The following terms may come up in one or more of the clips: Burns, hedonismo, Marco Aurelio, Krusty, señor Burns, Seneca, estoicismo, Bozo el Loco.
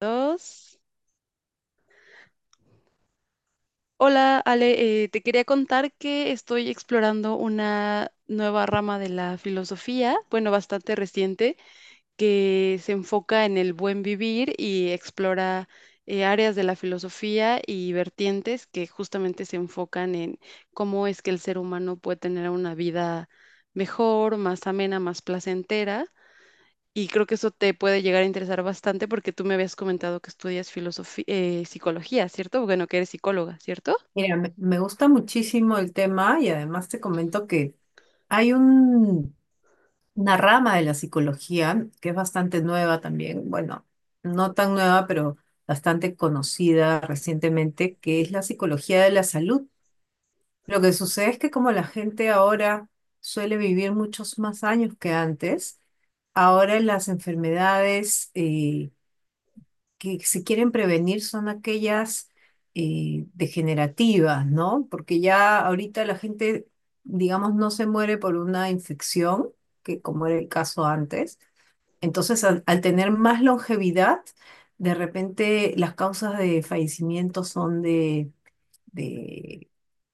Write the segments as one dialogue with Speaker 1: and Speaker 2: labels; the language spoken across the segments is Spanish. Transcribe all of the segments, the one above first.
Speaker 1: Dos. Hola, Ale, te quería contar que estoy explorando una nueva rama de la filosofía, bueno, bastante reciente, que se enfoca en el buen vivir y explora áreas de la filosofía y vertientes que justamente se enfocan en cómo es que el ser humano puede tener una vida mejor, más amena, más placentera. Y creo que eso te puede llegar a interesar bastante porque tú me habías comentado que estudias filosofía, psicología, ¿cierto? Bueno, que eres psicóloga, ¿cierto?
Speaker 2: Mira, me gusta muchísimo el tema y además te comento que hay un- una rama de la psicología que es bastante nueva también, bueno, no tan nueva, pero bastante conocida recientemente, que es la psicología de la salud. Lo que sucede es que como la gente ahora suele vivir muchos más años que antes, ahora las enfermedades, que se quieren prevenir son aquellas degenerativas, ¿no? Porque ya ahorita la gente, digamos, no se muere por una infección, que como era el caso antes. Entonces, al tener más longevidad, de repente las causas de fallecimiento son de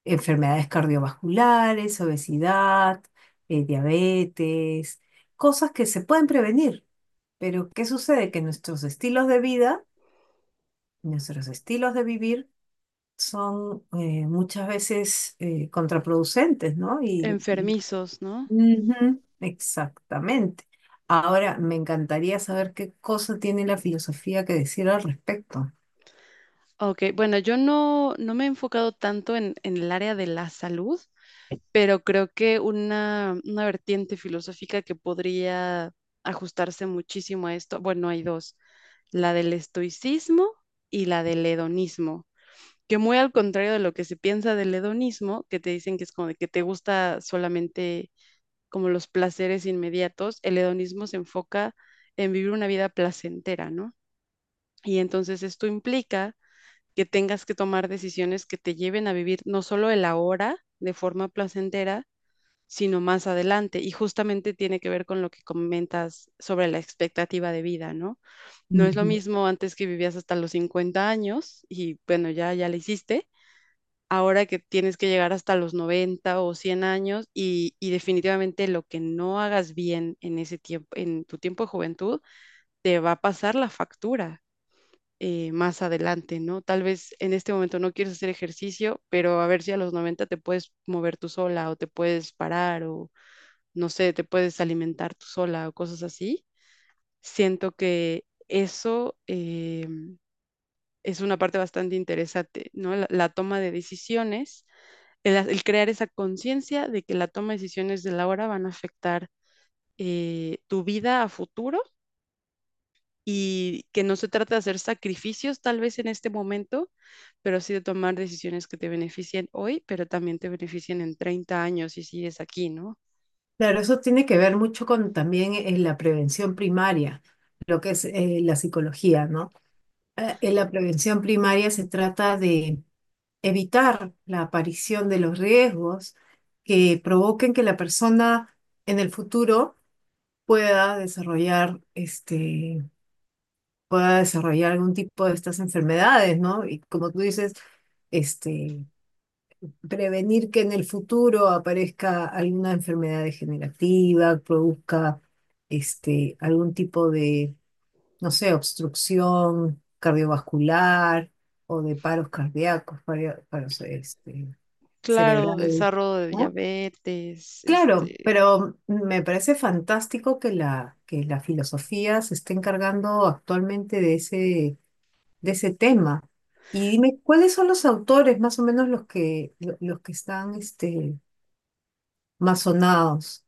Speaker 2: enfermedades cardiovasculares, obesidad, diabetes, cosas que se pueden prevenir. Pero, ¿qué sucede? Que nuestros estilos de vivir son muchas veces contraproducentes, ¿no? Y
Speaker 1: Enfermizos, ¿no?
Speaker 2: ujú, exactamente. Ahora, me encantaría saber qué cosa tiene la filosofía que decir al respecto.
Speaker 1: Ok, bueno, yo no me he enfocado tanto en el área de la salud, pero creo que una vertiente filosófica que podría ajustarse muchísimo a esto, bueno, hay dos, la del estoicismo y la del hedonismo que muy al contrario de lo que se piensa del hedonismo, que te dicen que es como de que te gusta solamente como los placeres inmediatos, el hedonismo se enfoca en vivir una vida placentera, ¿no? Y entonces esto implica que tengas que tomar decisiones que te lleven a vivir no solo el ahora de forma placentera, sino más adelante. Y justamente tiene que ver con lo que comentas sobre la expectativa de vida, ¿no? No es lo
Speaker 2: Ujú.
Speaker 1: mismo antes que vivías hasta los 50 años y bueno, ya la hiciste ahora que tienes que llegar hasta los 90 o 100 años y definitivamente lo que no hagas bien en ese tiempo, en tu tiempo de juventud, te va a pasar la factura más adelante, ¿no? Tal vez en este momento no quieres hacer ejercicio, pero a ver si a los 90 te puedes mover tú sola o te puedes parar o no sé, te puedes alimentar tú sola o cosas así. Siento que eso es una parte bastante interesante, ¿no? La toma de decisiones, el crear esa conciencia de que la toma de decisiones de la hora van a afectar tu vida a futuro y que no se trata de hacer sacrificios tal vez en este momento, pero sí de tomar decisiones que te beneficien hoy, pero también te beneficien en 30 años si sigues aquí, ¿no?
Speaker 2: Claro, eso tiene que ver mucho con también la prevención primaria, lo que es la psicología, ¿no? En la prevención primaria se trata de evitar la aparición de los riesgos que provoquen que la persona en el futuro pueda desarrollar pueda desarrollar algún tipo de estas enfermedades, ¿no? Y como tú dices, este, prevenir que en el futuro aparezca alguna enfermedad degenerativa, produzca algún tipo de, no sé, obstrucción cardiovascular o de paros cardíacos, para, paros, este
Speaker 1: Claro,
Speaker 2: cerebral,
Speaker 1: desarrollo de
Speaker 2: ¿no?
Speaker 1: diabetes,
Speaker 2: Claro,
Speaker 1: este,
Speaker 2: pero me parece fantástico que que la filosofía se esté encargando actualmente de de ese tema. Y dime, ¿cuáles son los autores más o menos los que, los que están más sonados?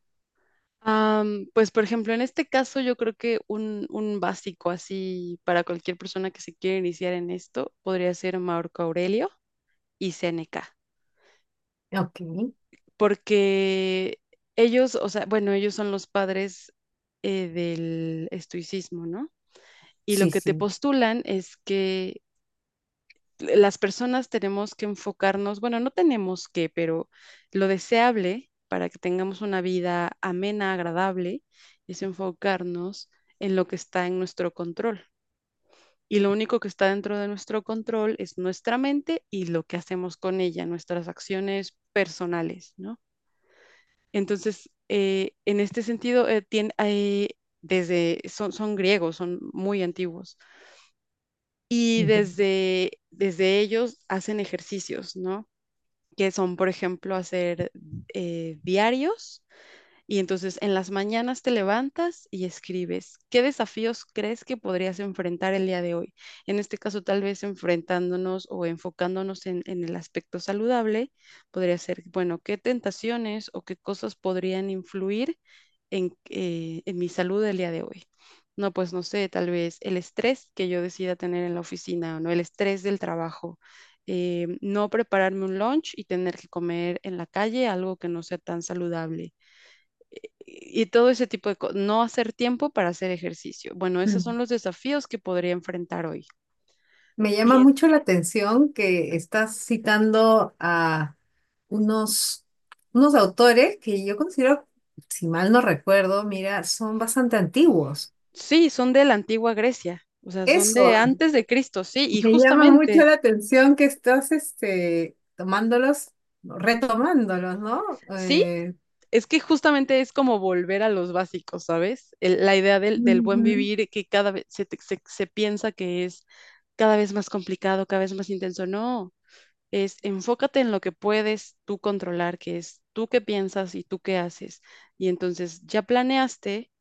Speaker 1: pues por ejemplo, en este caso yo creo que un básico así para cualquier persona que se quiera iniciar en esto podría ser Marco Aurelio y Seneca.
Speaker 2: Ok,
Speaker 1: Porque ellos, o sea, bueno, ellos son los padres del estoicismo, ¿no? Y lo
Speaker 2: sí,
Speaker 1: que te
Speaker 2: sí.
Speaker 1: postulan es que las personas tenemos que enfocarnos, bueno, no tenemos que, pero lo deseable para que tengamos una vida amena, agradable, es enfocarnos en lo que está en nuestro control. Y lo único que está dentro de nuestro control es nuestra mente y lo que hacemos con ella, nuestras acciones personales, ¿no? Entonces, en este sentido, desde, son griegos, son muy antiguos. Y desde ellos hacen ejercicios, ¿no? Que son, por ejemplo, hacer diarios. Y entonces en las mañanas te levantas y escribes, ¿qué desafíos crees que podrías enfrentar el día de hoy? En este caso, tal vez enfrentándonos o enfocándonos en el aspecto saludable, podría ser, bueno, ¿qué tentaciones o qué cosas podrían influir en mi salud el día de hoy? No, pues no sé, tal vez el estrés que yo decida tener en la oficina, ¿no? El estrés del trabajo, no prepararme un lunch y tener que comer en la calle algo que no sea tan saludable. Y todo ese tipo de cosas, no hacer tiempo para hacer ejercicio. Bueno, esos
Speaker 2: Ujú.
Speaker 1: son los desafíos que podría enfrentar hoy.
Speaker 2: Me llama
Speaker 1: Y en-
Speaker 2: mucho la atención que estás citando a unos, unos autores que yo considero, si mal no recuerdo, mira, son bastante antiguos.
Speaker 1: sí, son de la antigua Grecia, o sea, son
Speaker 2: Eso,
Speaker 1: de antes de Cristo, sí, y
Speaker 2: me llama mucho
Speaker 1: justamente,
Speaker 2: la atención que estás tomándolos, retomándolos, ¿no?
Speaker 1: sí. Es que justamente es como volver a los básicos, ¿sabes? La idea del buen
Speaker 2: Ujú.
Speaker 1: vivir que cada vez se piensa que es cada vez más complicado, cada vez más intenso. No, es enfócate en lo que puedes tú controlar, que es tú qué piensas y tú qué haces. Y entonces ya planeaste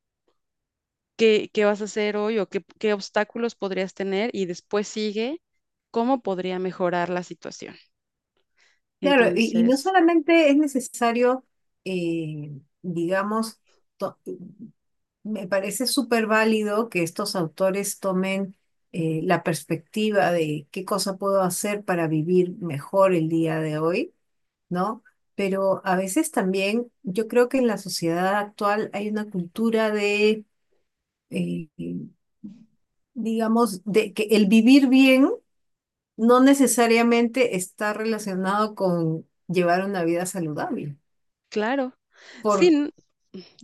Speaker 1: qué vas a hacer hoy o qué obstáculos podrías tener y después sigue cómo podría mejorar la situación.
Speaker 2: Claro, y no
Speaker 1: Entonces,
Speaker 2: solamente es necesario, eh, digamos, to- me parece súper válido que estos autores tomen la perspectiva de qué cosa puedo hacer para vivir mejor el día de hoy, ¿no? Pero a veces también yo creo que en la sociedad actual hay una cultura de, eh, digamos, de que el vivir bien no necesariamente está relacionado con llevar una vida saludable
Speaker 1: claro, sí,
Speaker 2: por,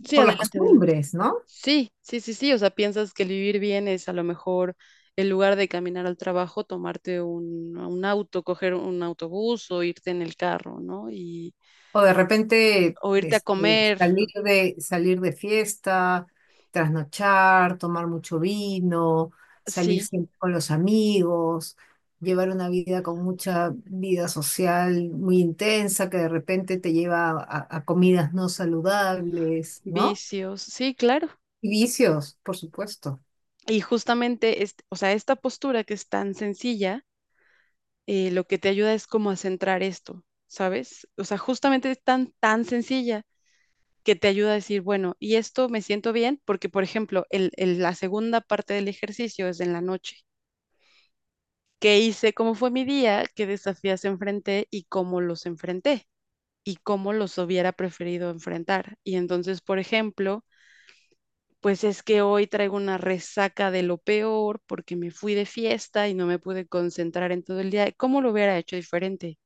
Speaker 1: sí,
Speaker 2: por las
Speaker 1: adelante, adelante.
Speaker 2: costumbres, ¿no?
Speaker 1: Sí, sí, sí, sí. O sea, piensas que el vivir bien es a lo mejor en lugar de caminar al trabajo, tomarte un auto, coger un autobús o irte en el carro, ¿no? Y,
Speaker 2: O de repente
Speaker 1: o irte a comer,
Speaker 2: salir de fiesta, trasnochar, tomar mucho vino, salir
Speaker 1: sí,
Speaker 2: siempre con los amigos, llevar una vida con mucha vida social muy intensa que de repente te lleva a comidas no saludables, ¿no?
Speaker 1: vicios, sí, claro.
Speaker 2: Y vicios, por supuesto.
Speaker 1: Y justamente, o sea, esta postura que es tan sencilla, lo que te ayuda es como a centrar esto, ¿sabes? O sea, justamente es tan sencilla que te ayuda a decir, bueno, y esto me siento bien, porque, por ejemplo, la segunda parte del ejercicio es en la noche. Qué hice, cómo fue mi día, qué desafíos enfrenté y cómo los enfrenté y cómo los hubiera preferido enfrentar. Y entonces, por ejemplo, pues es que hoy traigo una resaca de lo peor porque me fui de fiesta y no me pude concentrar en todo el día. ¿Cómo lo hubiera hecho diferente?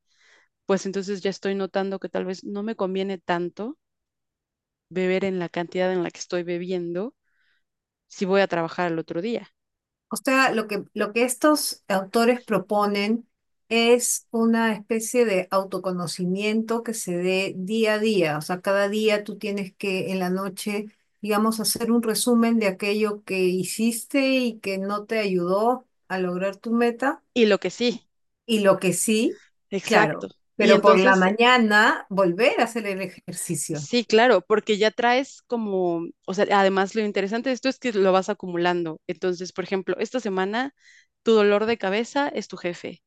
Speaker 1: Pues entonces ya estoy notando que tal vez no me conviene tanto beber en la cantidad en la que estoy bebiendo si voy a trabajar el otro día.
Speaker 2: O sea, lo que estos autores proponen es una especie de autoconocimiento que se dé día a día. O sea, cada día tú tienes que en la noche, digamos, hacer un resumen de aquello que hiciste y que no te ayudó a lograr tu meta.
Speaker 1: Y lo que sí,
Speaker 2: Y lo que sí,
Speaker 1: exacto.
Speaker 2: claro,
Speaker 1: Y
Speaker 2: pero por la
Speaker 1: entonces
Speaker 2: mañana volver a hacer el ejercicio.
Speaker 1: sí, claro, porque ya traes como, o sea, además lo interesante de esto es que lo vas acumulando. Entonces, por ejemplo, esta semana tu dolor de cabeza es tu jefe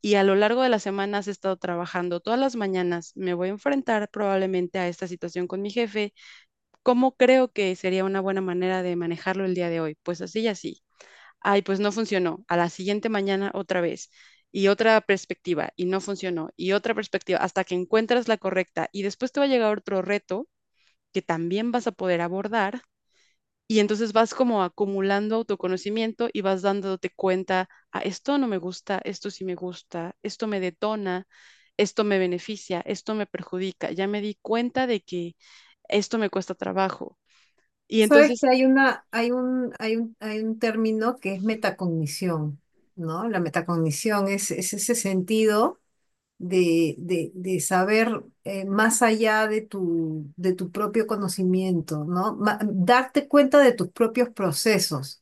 Speaker 1: y a lo largo de la semana has estado trabajando todas las mañanas. Me voy a enfrentar probablemente a esta situación con mi jefe. ¿Cómo creo que sería una buena manera de manejarlo el día de hoy? Pues así y así. Ay, pues no funcionó. A la siguiente mañana otra vez y otra perspectiva y no funcionó y otra perspectiva hasta que encuentras la correcta y después te va a llegar otro reto que también vas a poder abordar. Y entonces vas como acumulando autoconocimiento y vas dándote cuenta, ah, esto no me gusta, esto sí me gusta, esto me detona, esto me beneficia, esto me perjudica. Ya me di cuenta de que esto me cuesta trabajo. Y
Speaker 2: Sabes
Speaker 1: entonces,
Speaker 2: que hay una, hay un, hay un, hay un término que es metacognición, ¿no? La metacognición es ese sentido de saber más allá de de tu propio conocimiento, ¿no? Darte cuenta de tus propios procesos.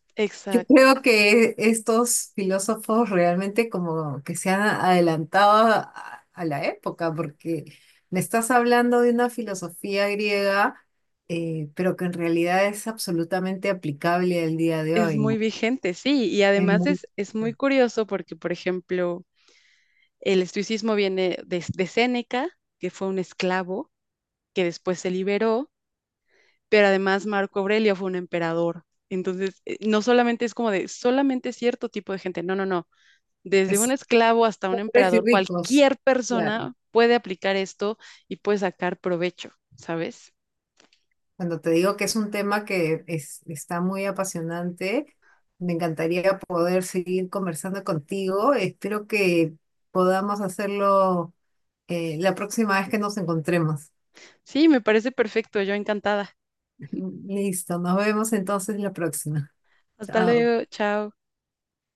Speaker 2: Yo
Speaker 1: exacto,
Speaker 2: creo que estos filósofos realmente como que se han adelantado a la época, porque me estás hablando de una filosofía griega, pero que en realidad es absolutamente aplicable al día de
Speaker 1: es
Speaker 2: hoy,
Speaker 1: muy
Speaker 2: ¿no?
Speaker 1: vigente, sí. Y
Speaker 2: Es
Speaker 1: además
Speaker 2: muy-
Speaker 1: es muy curioso porque, por ejemplo, el estoicismo viene de Séneca, que fue un esclavo que después se liberó, pero además Marco Aurelio fue un emperador. Entonces, no solamente es como de solamente cierto tipo de gente, no, no, no. Desde un
Speaker 2: es
Speaker 1: esclavo hasta un
Speaker 2: pobres y
Speaker 1: emperador,
Speaker 2: ricos,
Speaker 1: cualquier
Speaker 2: claro.
Speaker 1: persona puede aplicar esto y puede sacar provecho, ¿sabes?
Speaker 2: Cuando te digo que es un tema está muy apasionante, me encantaría poder seguir conversando contigo. Espero que podamos hacerlo la próxima vez que nos encontremos.
Speaker 1: Sí, me parece perfecto, yo encantada.
Speaker 2: Listo, nos vemos entonces la próxima.
Speaker 1: Hasta
Speaker 2: Chao.
Speaker 1: luego, chao.